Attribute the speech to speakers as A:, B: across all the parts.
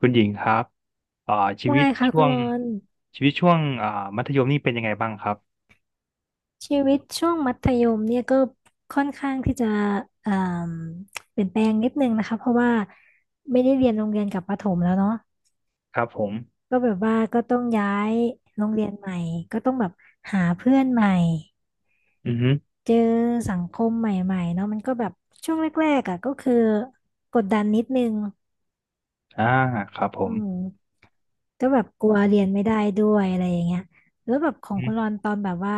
A: คุณหญิงครับอ่าชี
B: ว่า
A: วิ
B: ไง
A: ต
B: คะ
A: ช่
B: คุ
A: ว
B: ณ
A: ง
B: รอน
A: ชีวิตช่วงมัธยมนี่เป็นยังไงบ้างครับ
B: ชีวิตช่วงมัธยมเนี่ยก็ค่อนข้างที่จะเอ่มเปลี่ยนแปลงนิดนึงนะคะเพราะว่าไม่ได้เรียนโรงเรียนกับประถมแล้วเนาะ
A: ครับผม
B: ก็แบบว่าก็ต้องย้ายโรงเรียนใหม่ก็ต้องแบบหาเพื่อนใหม่
A: อือฮึ
B: เจอสังคมใหม่ๆเนาะมันก็แบบช่วงแรกๆอ่ะก็คือกดดันนิดนึง
A: อ่าครับผ
B: อื
A: ม
B: มก็แบบกลัวเรียนไม่ได้ด้วยอะไรอย่างเงี้ยแล้วแบบของ
A: อื
B: คุณรอนตอนแบบว่า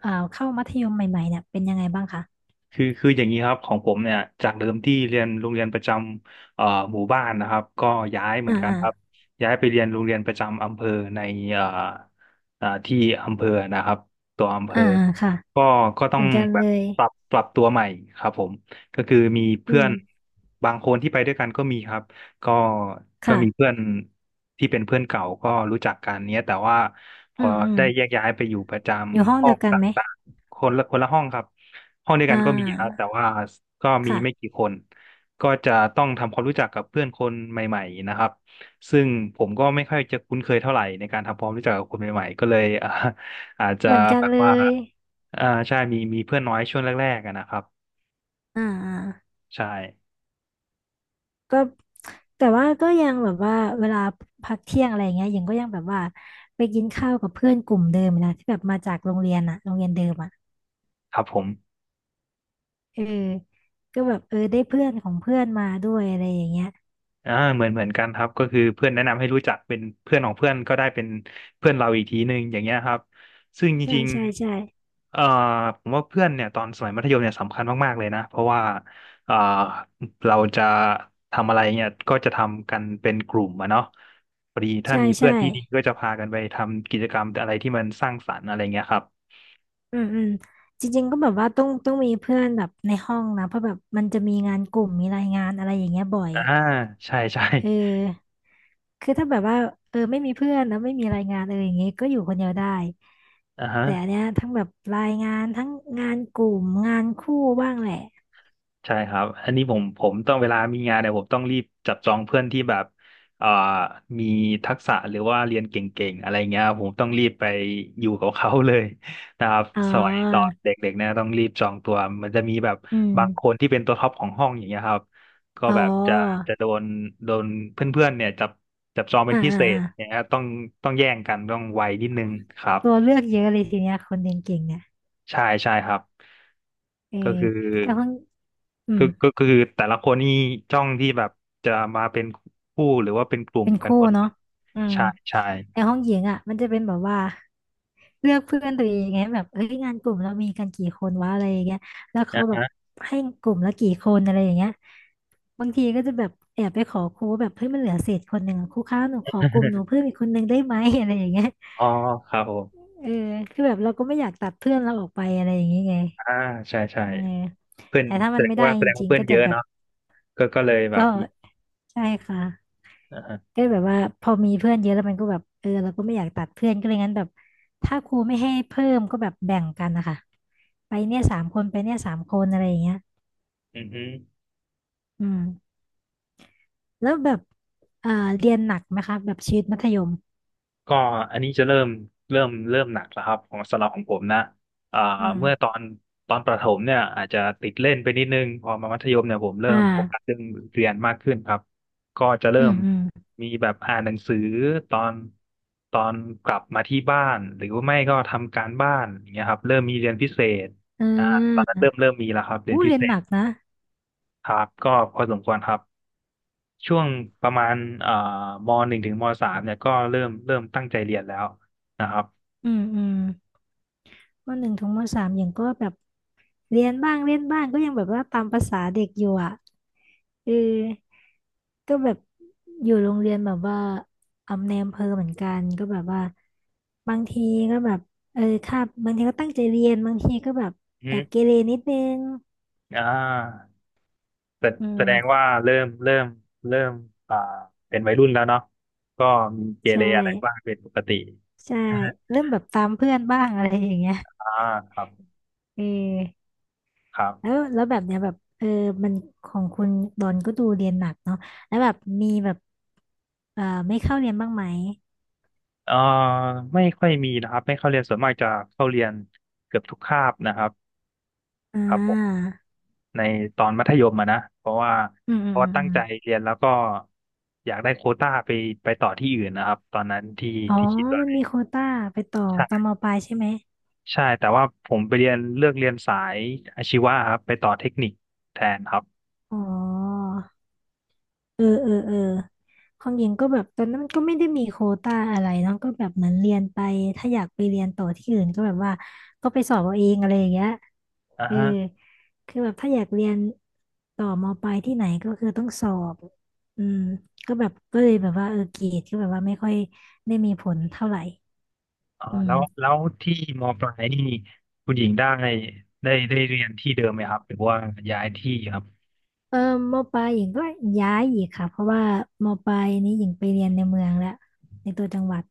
B: เข้ามัธยมใหม่ๆเนี่ยเป็นยังไงบ้างคะ
A: คืออย่างนี้ครับของผมเนี่ยจากเดิมที่เรียนโรงเรียนประจำหมู่บ้านนะครับก็ย้ายเหมื
B: อ่า
A: อนกันครับย้ายไปเรียนโรงเรียนประจำอำเภอในเอ่อที่อำเภอนะครับตัวอำเภอ
B: อ่าค่ะ
A: ก็ก็ต้
B: เห
A: อ
B: มื
A: ง
B: อนกัน
A: แบ
B: เล
A: บ
B: ย
A: ปรับตัวใหม่ครับผมก็คือมี
B: อื
A: เพื่อ
B: ม
A: นบางคนที่ไปด้วยกันก็มีครับก็ก็
B: ค่ะ
A: มีเพื่อนที่เป็นเพื่อนเก่าก็รู้จักกันเนี้ยแต่ว่า พ
B: อื
A: อ
B: มอืม
A: ได้แยกย้ายไปอยู่ประจ
B: อยู่ห้อ
A: ำ
B: ง
A: ห้อ
B: เดีย
A: ง
B: วกั
A: ต
B: นไหม
A: ่างๆคนละห้องครับห้องเดียว
B: อ่
A: กันก็มีครับแต่
B: า
A: ว่าก็มีไม่
B: ค่ะ
A: กี่คนก็จะต้องทำความรู้จักกับเพื่อนคนใหม่ๆนะครับซึ่งผมก็ไม่ค่อยจะคุ้นเคยเท่าไหร่ในการทำความรู้จักกับคนใหม่ๆก็เลย อาจจะ
B: เหมือนกัน
A: แบบ
B: เล
A: ว่า
B: ย
A: ใช่มีเพื่อนน้อยช่วงแรกๆอะนะครับ
B: อ่าอ่า
A: ใช่
B: ก็แต่ว่าก็ยังแบบว่าเวลาพักเที่ยงอะไรอย่างเงี้ยหญิงก็ยังแบบว่าไปกินข้าวกับเพื่อนกลุ่มเดิมนะที่แบบมาจากโรงเรียนอะโรงเรียนเดิมอะ
A: ครับผม
B: เออก็แบบเออได้เพื่อนของเพื่อนมาด้วยอะไรอย่างเงี้ย
A: เหมือนกันครับก็คือเพื่อนแนะนำให้รู้จักเป็นเพื่อนของเพื่อนก็ได้เป็นเพื่อนเราอีกทีหนึ่งอย่างเงี้ยครับซึ่งจ
B: ใช่
A: ริง
B: ใช่ใช่
A: เอ่อผมว่าเพื่อนเนี่ยตอนสมัยมัธยมเนี่ยสำคัญมากๆเลยนะเพราะว่าเอ่อเราจะทำอะไรเนี่ยก็จะทำกันเป็นกลุ่มอะเนาะพอดีถ้า
B: ใช่
A: มีเพื่อ
B: ใช่
A: นที่ดีก็จะพากันไปทำกิจกรรมอะไรที่มันสร้างสรรค์อะไรเงี้ยครับ
B: อืมอืมจริงๆก็แบบว่าต้องมีเพื่อนแบบในห้องนะเพราะแบบมันจะมีงานกลุ่มมีรายงานอะไรอย่างเงี้ยบ่อย
A: อ่าใช่ใช่
B: เออคือถ้าแบบว่าเออไม่มีเพื่อนแล้วไม่มีรายงานเอออย่างเงี้ยก็อยู่คนเดียวได้
A: อ่าฮะ
B: แต่อันเนี้ยทั้งแบบรายงานทั้งงานกลุ่มงานคู่บ้างแหละ
A: ใช่ครับอันนี้ผมต้องเวลามีงานเนี่ยผมต้องรีบจับจองเพื่อนที่แบบเอ่อมีทักษะหรือว่าเรียนเก่งๆอะไรเงี้ยครับผมต้องรีบไปอยู่กับเขาเลย นะครับ
B: อ๋
A: สมัยตอน
B: อ
A: เด็กๆเนี่ยต้องรีบจองตัวมันจะมีแบบ
B: อื
A: บางคน
B: ม
A: ที่เป็นตัวท็อปของห้องอย่างเงี้ยครับก็
B: อ๋อ
A: แบบจะโดนเพื่อนๆเนี่ยจับจับจองเป็
B: อ่า
A: นพิ
B: อ่า
A: เศ
B: อ่า
A: ษอย่างเงี้ยต้องแย่งกันต้องไวนิดนึงครับ
B: ตัวเลือกเยอะเลยทีเนี้ยคนเรียนเก่งเนี่ย
A: ใช่ใช่ครับ
B: เออ
A: ก็คือ
B: แต่คนอื
A: คื
B: ม
A: อก็ก็คือแต่ละคนนี่จ้องที่แบบจะมาเป็นคู่หรือว่าเป็นกลุ่ม
B: เป็น
A: กัน
B: คู่
A: หมดเล
B: เนาะ
A: ย
B: อืม
A: ใช่ใช่
B: ในห้องหญิงอ่ะมันจะเป็นแบบว่าเลือกเพื่อนตัวเองไงแบบเอ้ยงานกลุ่มเรามีกันกี่คนวะอะไรอย่างเงี้ยแล้ว
A: อ่า
B: เขาแบบ
A: ฮะ
B: ให้กลุ่มละกี่คนอะไรอย่างเงี้ยบางทีก็จะแบบแอบไปขอครูว่าแบบเฮ้ยมันเหลือเศษคนหนึ่งอะครูคะหนูขอกลุ่มหนูเพิ่มอีกคนหนึ่งได้ไหม อะไรอย่างเงี้ย
A: อ๋อครับผม
B: เออคือแบบเราก็ไม่อยากตัดเพื่อนเราออกไปอะไรอย่างเงี้ยไง
A: อ่าใช่ใช่
B: เออ
A: เพื่อน
B: แต่ถ้า
A: แส
B: มัน
A: ด
B: ไม่
A: ง
B: ได้
A: ว่าแส
B: จ
A: ดงว่า
B: ริง
A: เพื่
B: ๆ
A: อ
B: ก็
A: นเย
B: จะ
A: อะ
B: แบบ
A: เนาะก็เลยแบ
B: ก็
A: บมี
B: ใช่ค่ะ
A: อ่าฮะ
B: ก็แบบว่าพอมีเพื่อนเยอะแล้วมันก็แบบเออเราก็ไม่อยากตัดเพื่อนก็เลยงั้นแบบถ้าครูไม่ให้เพิ่มก็แบบแบ่งกันนะคะไปเนี่ยสามคนไปเนี่ยสามคนอะไรอย่างเงี้ย
A: อือฮึ
B: อืมแล้วแบบอ่าเรียนหนักไหมคะแบบชีวิตมัธยม
A: ก็อันนี้จะเริ่มเริ่มหนักแล้วครับของสำหรับของผมนะอ่า
B: อืม
A: เมื่อตอนประถมเนี่ยอาจจะติดเล่นไปนิดนึงพอมามัธยมเนี่ยผมเริ่
B: อ่า
A: มโฟกัสเรื่องเรียนมากขึ้นครับก็จะเริ่
B: อื
A: ม
B: มอืม
A: มีแบบอ่านหนังสือตอนตอนกลับมาที่บ้านหรือว่าไม่ก็ทำการบ้านอย่างเงี้ยครับเริ่มมีเรียนพิเศษ
B: อื
A: อ่าตอนนั้น
B: ม
A: เริ่มมีแล้วครับเรียน
B: อู้
A: พิ
B: เรีย
A: เศ
B: นห
A: ษ
B: นักนะ
A: ครับก็พอสมควรครับช่วงประมาณเอ่อมหนึ่งถึงมสามเนี่ยก็เริ่มตั้งใจเรียนแล้วนะครับ
B: อืมอืมม.1 ถึง ม.3อย่างก็แบบเรียนบ้างเล่นบ้างก็ยังแบบว่าตามภาษาเด็กอยู่อ่ะเออ ก็แบบอยู่โรงเรียนแบบว่าอำในอำเภอเหมือนกันก็แบบว่าบางทีก็แบบเออคาบบางทีก็ตั้งใจเรียนบางทีก็แบบ
A: อื
B: แอบเก
A: ม
B: เรนิดนึง
A: อ่าแส
B: อื
A: แสดง
B: ม
A: ว่าเริ่มอ่าเป็นวัยรุ่นแล้วเนาะก็มีเกเร
B: ใช่
A: อะไรบ้างเป็นปกติ
B: ใช่เริ่มแบบตามเพื่อนบ้างอะไรอย่างเงี้ย
A: อ่าครับ
B: เออ
A: ครั
B: แล้ว
A: บ
B: แล้วแบบเนี้ยแบบเออมันของคุณดอนก็ดูเรียนหนักเนาะแล้วแบบมีแบบไม่เข้าเรียนบ้างไหม
A: เอ่อไม่ค่อยมีนะครับ ไม่เข้าเรียนส่วนมากจะเข้าเรียนเกือบทุกคาบนะครับ
B: อ่
A: ครับผม
B: า
A: ในตอนมัธยมอะนะเพราะว่า
B: อืมอื
A: เพ
B: ม
A: ราะ
B: อื
A: ว่า
B: มอ
A: ตั้งใจ
B: ม
A: เรียนแล้วก็อยากได้โควต้าไปต่อที่อื่นนะครับ ตอนนั้นที่
B: อ๋อ
A: ที่คิดว่า
B: มันมีโควต้าไปต่อตอนมปลายใช่ไหม
A: ใช่แต่ว่าผมไปเรียนเลือกเรียนสายอาชีวะครับไปต่อเทคนิคแทนครับ
B: อ๋อเออเออเออของหญิงก็แบบตอนนั้นมันก็ไม่ได้มีโควต้าอะไรเนาะก็แบบเหมือนเรียนไปถ้าอยากไปเรียนต่อที่อื่นก็แบบว่าก็ไปสอบเอาเองอะไรอย่างเงี้ย
A: อ่า
B: เออ
A: ฮะ
B: คือแบบถ้าอยากเรียนต่อมปลายที่ไหนก็คือต้องสอบอืมก็แบบก็เลยแบบว่าเออเกรดก็แบบว่าไม่ค่อยได้มีผลเท่าไหร่
A: อ่า
B: อื
A: แล้ว
B: ม
A: แล้วที่มปลายนี่คุณหญิงได้ได้เรียนที่เดิมไหมครับหรือว่าย้ายที่ครับ
B: เออมปลายหญิงก็ย้ายอีกค่ะเพราะว่ามปลายนี้หญิงไปเรียนในเมืองแล้วในตัวจังหวัด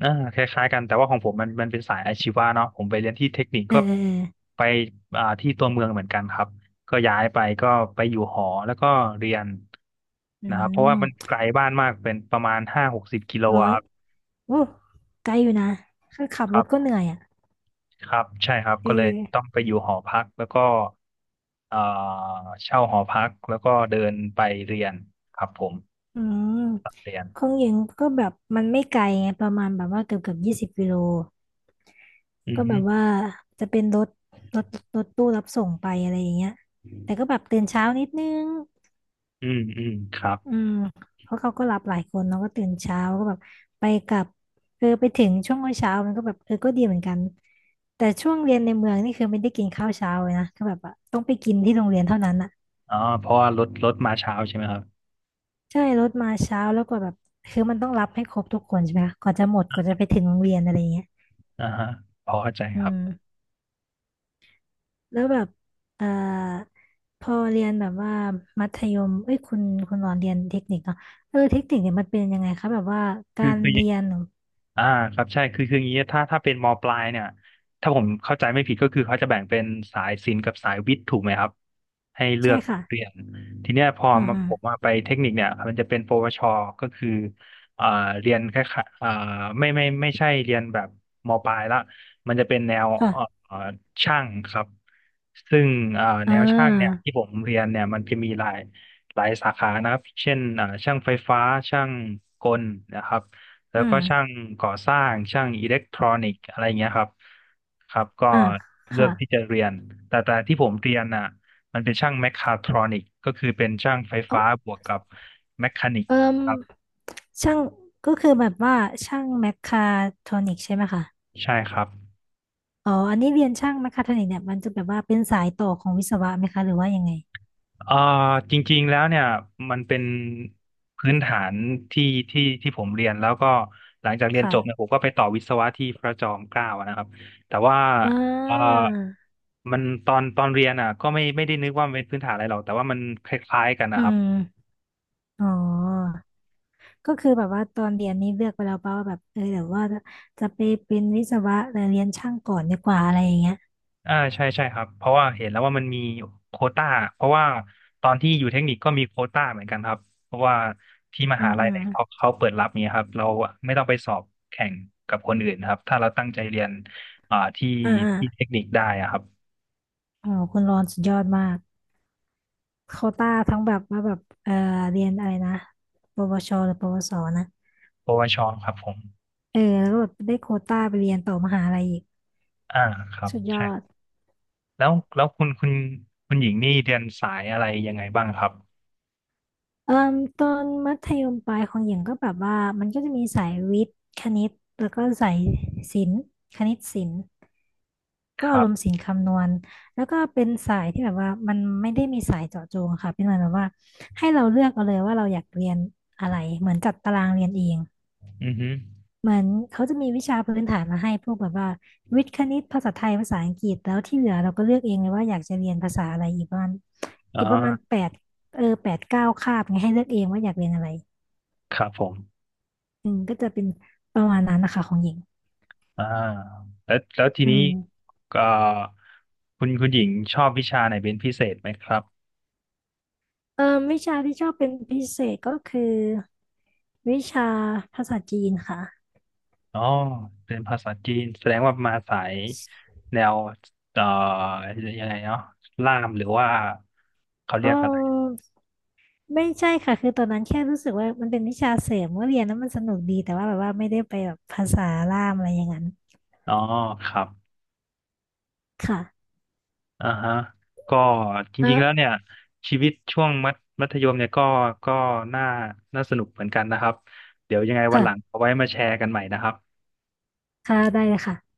A: อ่าคล้ายๆกันแต่ว่าของผมมันเป็นสายอาชีวะเนาะผมไปเรียนที่เทคนิค
B: เออ
A: ก็
B: เออเออ
A: ไปที่ตัวเมืองเหมือนกันครับก็ย้ายไปก็ไปอยู่หอแล้วก็เรียน
B: อื
A: นะครับเพราะว่ามัน
B: ม
A: ไกลบ้านมากเป็นประมาณ50-60 กม.
B: ร้อ
A: อะ
B: ย
A: ครับ
B: โอ้ไกลอยู่นะคือขับรถก็เหนื่อยอ่ะ
A: ครับใช่ครับ
B: เอ
A: ก็เลยต้อง
B: อ
A: ไปอยู่หอพักแล้วก็เอ่อเช่าหอพักแล้วก็เดินไปเรียนครับผม
B: อืม
A: เรียน
B: ของหญิงก็แบบมันไม่ไกลไงประมาณแบบว่าเกือบ20 กิโล
A: อือ
B: ก็แบ
A: ฮึ
B: บว่าจะเป็นรถรถตู้รับส่งไปอะไรอย่างเงี้ยแต่ก็แบบตื่นเช้านิดนึง
A: อืมอืมครับ
B: อืมเพราะเขาก็รับหลายคนเนาะก็ตื่นเช้าก็แบบไปกลับเออไปถึงช่วงเช้ามันก็แบบเออก็ดีเหมือนกันแต่ช่วงเรียนในเมืองนี่คือไม่ได้กินข้าวเช้าเลยนะก็แบบอะต้องไปกินที่โรงเรียนเท่านั้นอะ
A: อ๋อเพราะว่ารถมาเช้าใช่ไหมครับ
B: ใช่รถมาเช้าแล้วกว่าแบบคือมันต้องรับให้ครบทุกคนใช่ไหมคะกว่าจะหมดกว่าจะไปถึงโรงเรียนอะไรอย่างเงี้ย
A: อ่าฮะพอเข้าใจ
B: อื
A: ครั
B: ม
A: บ
B: แล้วแบบเอ่อพอเรียนแบบว่ามัธยมเอ้ยคุณหลอนเรียนเทคนิคเนาะเออเทคนิคเนี่ยมันเป็นยังไงคะแบบว่ากา
A: คือ
B: ร
A: คือ
B: เรียนเหรอ
A: อ่าครับใช่คืออย่างนี้ถ้าเป็นมปลายเนี่ยถ้าผมเข้าใจไม่ผิดก็คือเขาจะแบ่งเป็นสายศิลป์กับสายวิทย์ถูกไหมครับให้เลื
B: ใช่
A: อก
B: ค่ะ
A: เรียนทีเนี้ยพอ
B: อืม
A: มา
B: อืม
A: ผมมาไปเทคนิคเนี่ยมันจะเป็นปวชก็คืออ่าเรียนแค่ายๆอ่าไม่ใช่เรียนแบบมปลายละมันจะเป็นแนว
B: ค่ะ
A: ช่างครับซึ่ง
B: อ่
A: แนวช่างเนี่ย
B: า
A: ที่ผมเรียนเนี่ยมันจะมีหลายสาขานะครับเช่นช่างไฟฟ้าช่างกลนะครับ แล้
B: อื
A: วก็
B: ม
A: ช่างก่อสร้างช่างอิเล็กทรอนิกส์อะไรเงี้ยครับครับก็
B: อ่า
A: เลือ
B: ค่ะ
A: กที่จะเรียนแต่ที่ผมเรียนน่ะมันเป็นช่างแมคคาทรอนิกส์ก็คือเป็นช่างไฟ
B: เออ
A: ฟ้าบวกกับแมคคานิกส์
B: เอิ่ม
A: ครับ
B: ช่างก็คือแบบว่าช่างแมคคาโทรอนิกใช่ไหมคะ
A: ใช่ครับ
B: อ๋ออันนี้เรียนช่างนะคะท่านเนี่ยมันจะแบบว่าเป็นสายต่อของวิศวะไหมคะหรือว่ายังไง
A: เอ่อจริงๆแล้วเนี่ยมันเป็นพื้นฐานที่ที่ที่ผมเรียนแล้วก็หลังจากเรียน
B: ค่ะ
A: จบเนี่ยผมก็ไปต่อวิศวะที่พระจอมเกล้าอะนะครับแต่ว่า
B: อ่
A: เอ่อ
B: า
A: มันตอนเรียนอ่ะก็ไม่ได้นึกว่ามันเป็นพื้นฐานอะไรหรอกแต่ว่ามันคล้ายๆกัน
B: อื
A: นะครับ
B: มอ๋อก็คือแบบว่าตอนเรียนนี้เลือกไปแล้วป่ะว่าแบบเออเดี๋ยวว่าจะไปเป็นวิศวะแต่เรียนช่างก่อนดีกว่าอะไรอย่างเงี้ย
A: อ่าใช่ใช่ครับเพราะว่าเห็นแล้วว่ามันมีโควต้าเพราะว่าตอนที่อยู่เทคนิคก็มีโควต้าเหมือนกันครับเพราะว่าที่ม
B: อื
A: หา
B: ม
A: ลัย
B: อืม
A: เนี่ยเขาเปิดรับเนี่ยครับเราไม่ต้องไปสอบแข่งกับคนอื่นครับถ้าเราตั้งใจเรียนอ่าที่
B: อ่าอ่า
A: ที่เทคนิคได้อะครับ
B: อ๋อคุณรอนสุดยอดมากโควต้าทั้งแบบว่าแบบเออเรียนอะไรนะปวชหรือปวสนะ
A: ปวชครับผม
B: เออแล้วก็แบบได้โควต้าไปเรียนต่อมหาลัยอีก
A: อ่าครับ
B: สุดยอ
A: ใช่
B: ด
A: แล้วแล้วคุณหญิงนี่เรียนสายอะไรยังไงบ้างครับ
B: เอ่มตอนมัธยมปลายของหญิงก็แบบว่ามันก็จะมีสายวิทย์คณิตแล้วก็สายศิลป์คณิตศิลป์ก็
A: ค
B: อา
A: รั
B: รมณ์
A: บ
B: ศิลป์คำนวณแล้วก็เป็นสายที่แบบว่ามันไม่ได้มีสายเจาะจงค่ะเป็นเหมือนแบบว่าให้เราเลือกเอาเลยว่าเราอยากเรียนอะไรเหมือนจัดตารางเรียนเอง
A: อือฮึ
B: เหมือนเขาจะมีวิชาพื้นฐานมาให้พวกแบบว่าวิทย์คณิตภาษาไทยภาษาอังกฤษแล้วที่เหลือเราก็เลือกเองเลยว่าอยากจะเรียนภาษาอะไรอีกประมาณ
A: อ๋
B: อี
A: อ
B: กประมาณ8-9 คาบไงให้เลือกเองว่าอยากเรียนอะไร
A: ครับผม
B: อืมก็จะเป็นประมาณนั้นนะคะของหญิง
A: อ่าแล้วแล้วที
B: อื
A: นี้
B: ม
A: ก็คุณหญิงชอบวิชาไหนเป็นพิเศษไหมครับ
B: เออวิชาที่ชอบเป็นพิเศษก็คือวิชาภาษาจีนค่ะ
A: อ๋อเป็นภาษาจีนแสดงว่ามาสายแนวเอ่อยังไงเนาะล่ามหรือว่าเขา
B: ก
A: เรียกอะไร
B: ็ไม่ใช่ค่ะคือตอนนั้นแค่รู้สึกว่ามันเป็นวิชาเสริมว่าเรียนแล้วมันสนุกดีแต่ว่าแบบว่าไม่ได้ไปแบบภาษาล่ามอะไรอย่างนั้น
A: อ๋อครับ
B: ค่ะ
A: อ่าฮะก็จ
B: เอ
A: ริงๆแล้วเนี่
B: อ
A: ยชีวิตช่วงมัธยมเนี่ยก็ก็น่าน่าสนุกเหมือนกันนะครับเดี๋ยวยังไงวันหลัง
B: ค่ะ
A: เอาไว้มาแชร์กันใหม่นะครับ
B: ค่ะได้เลยค่ะ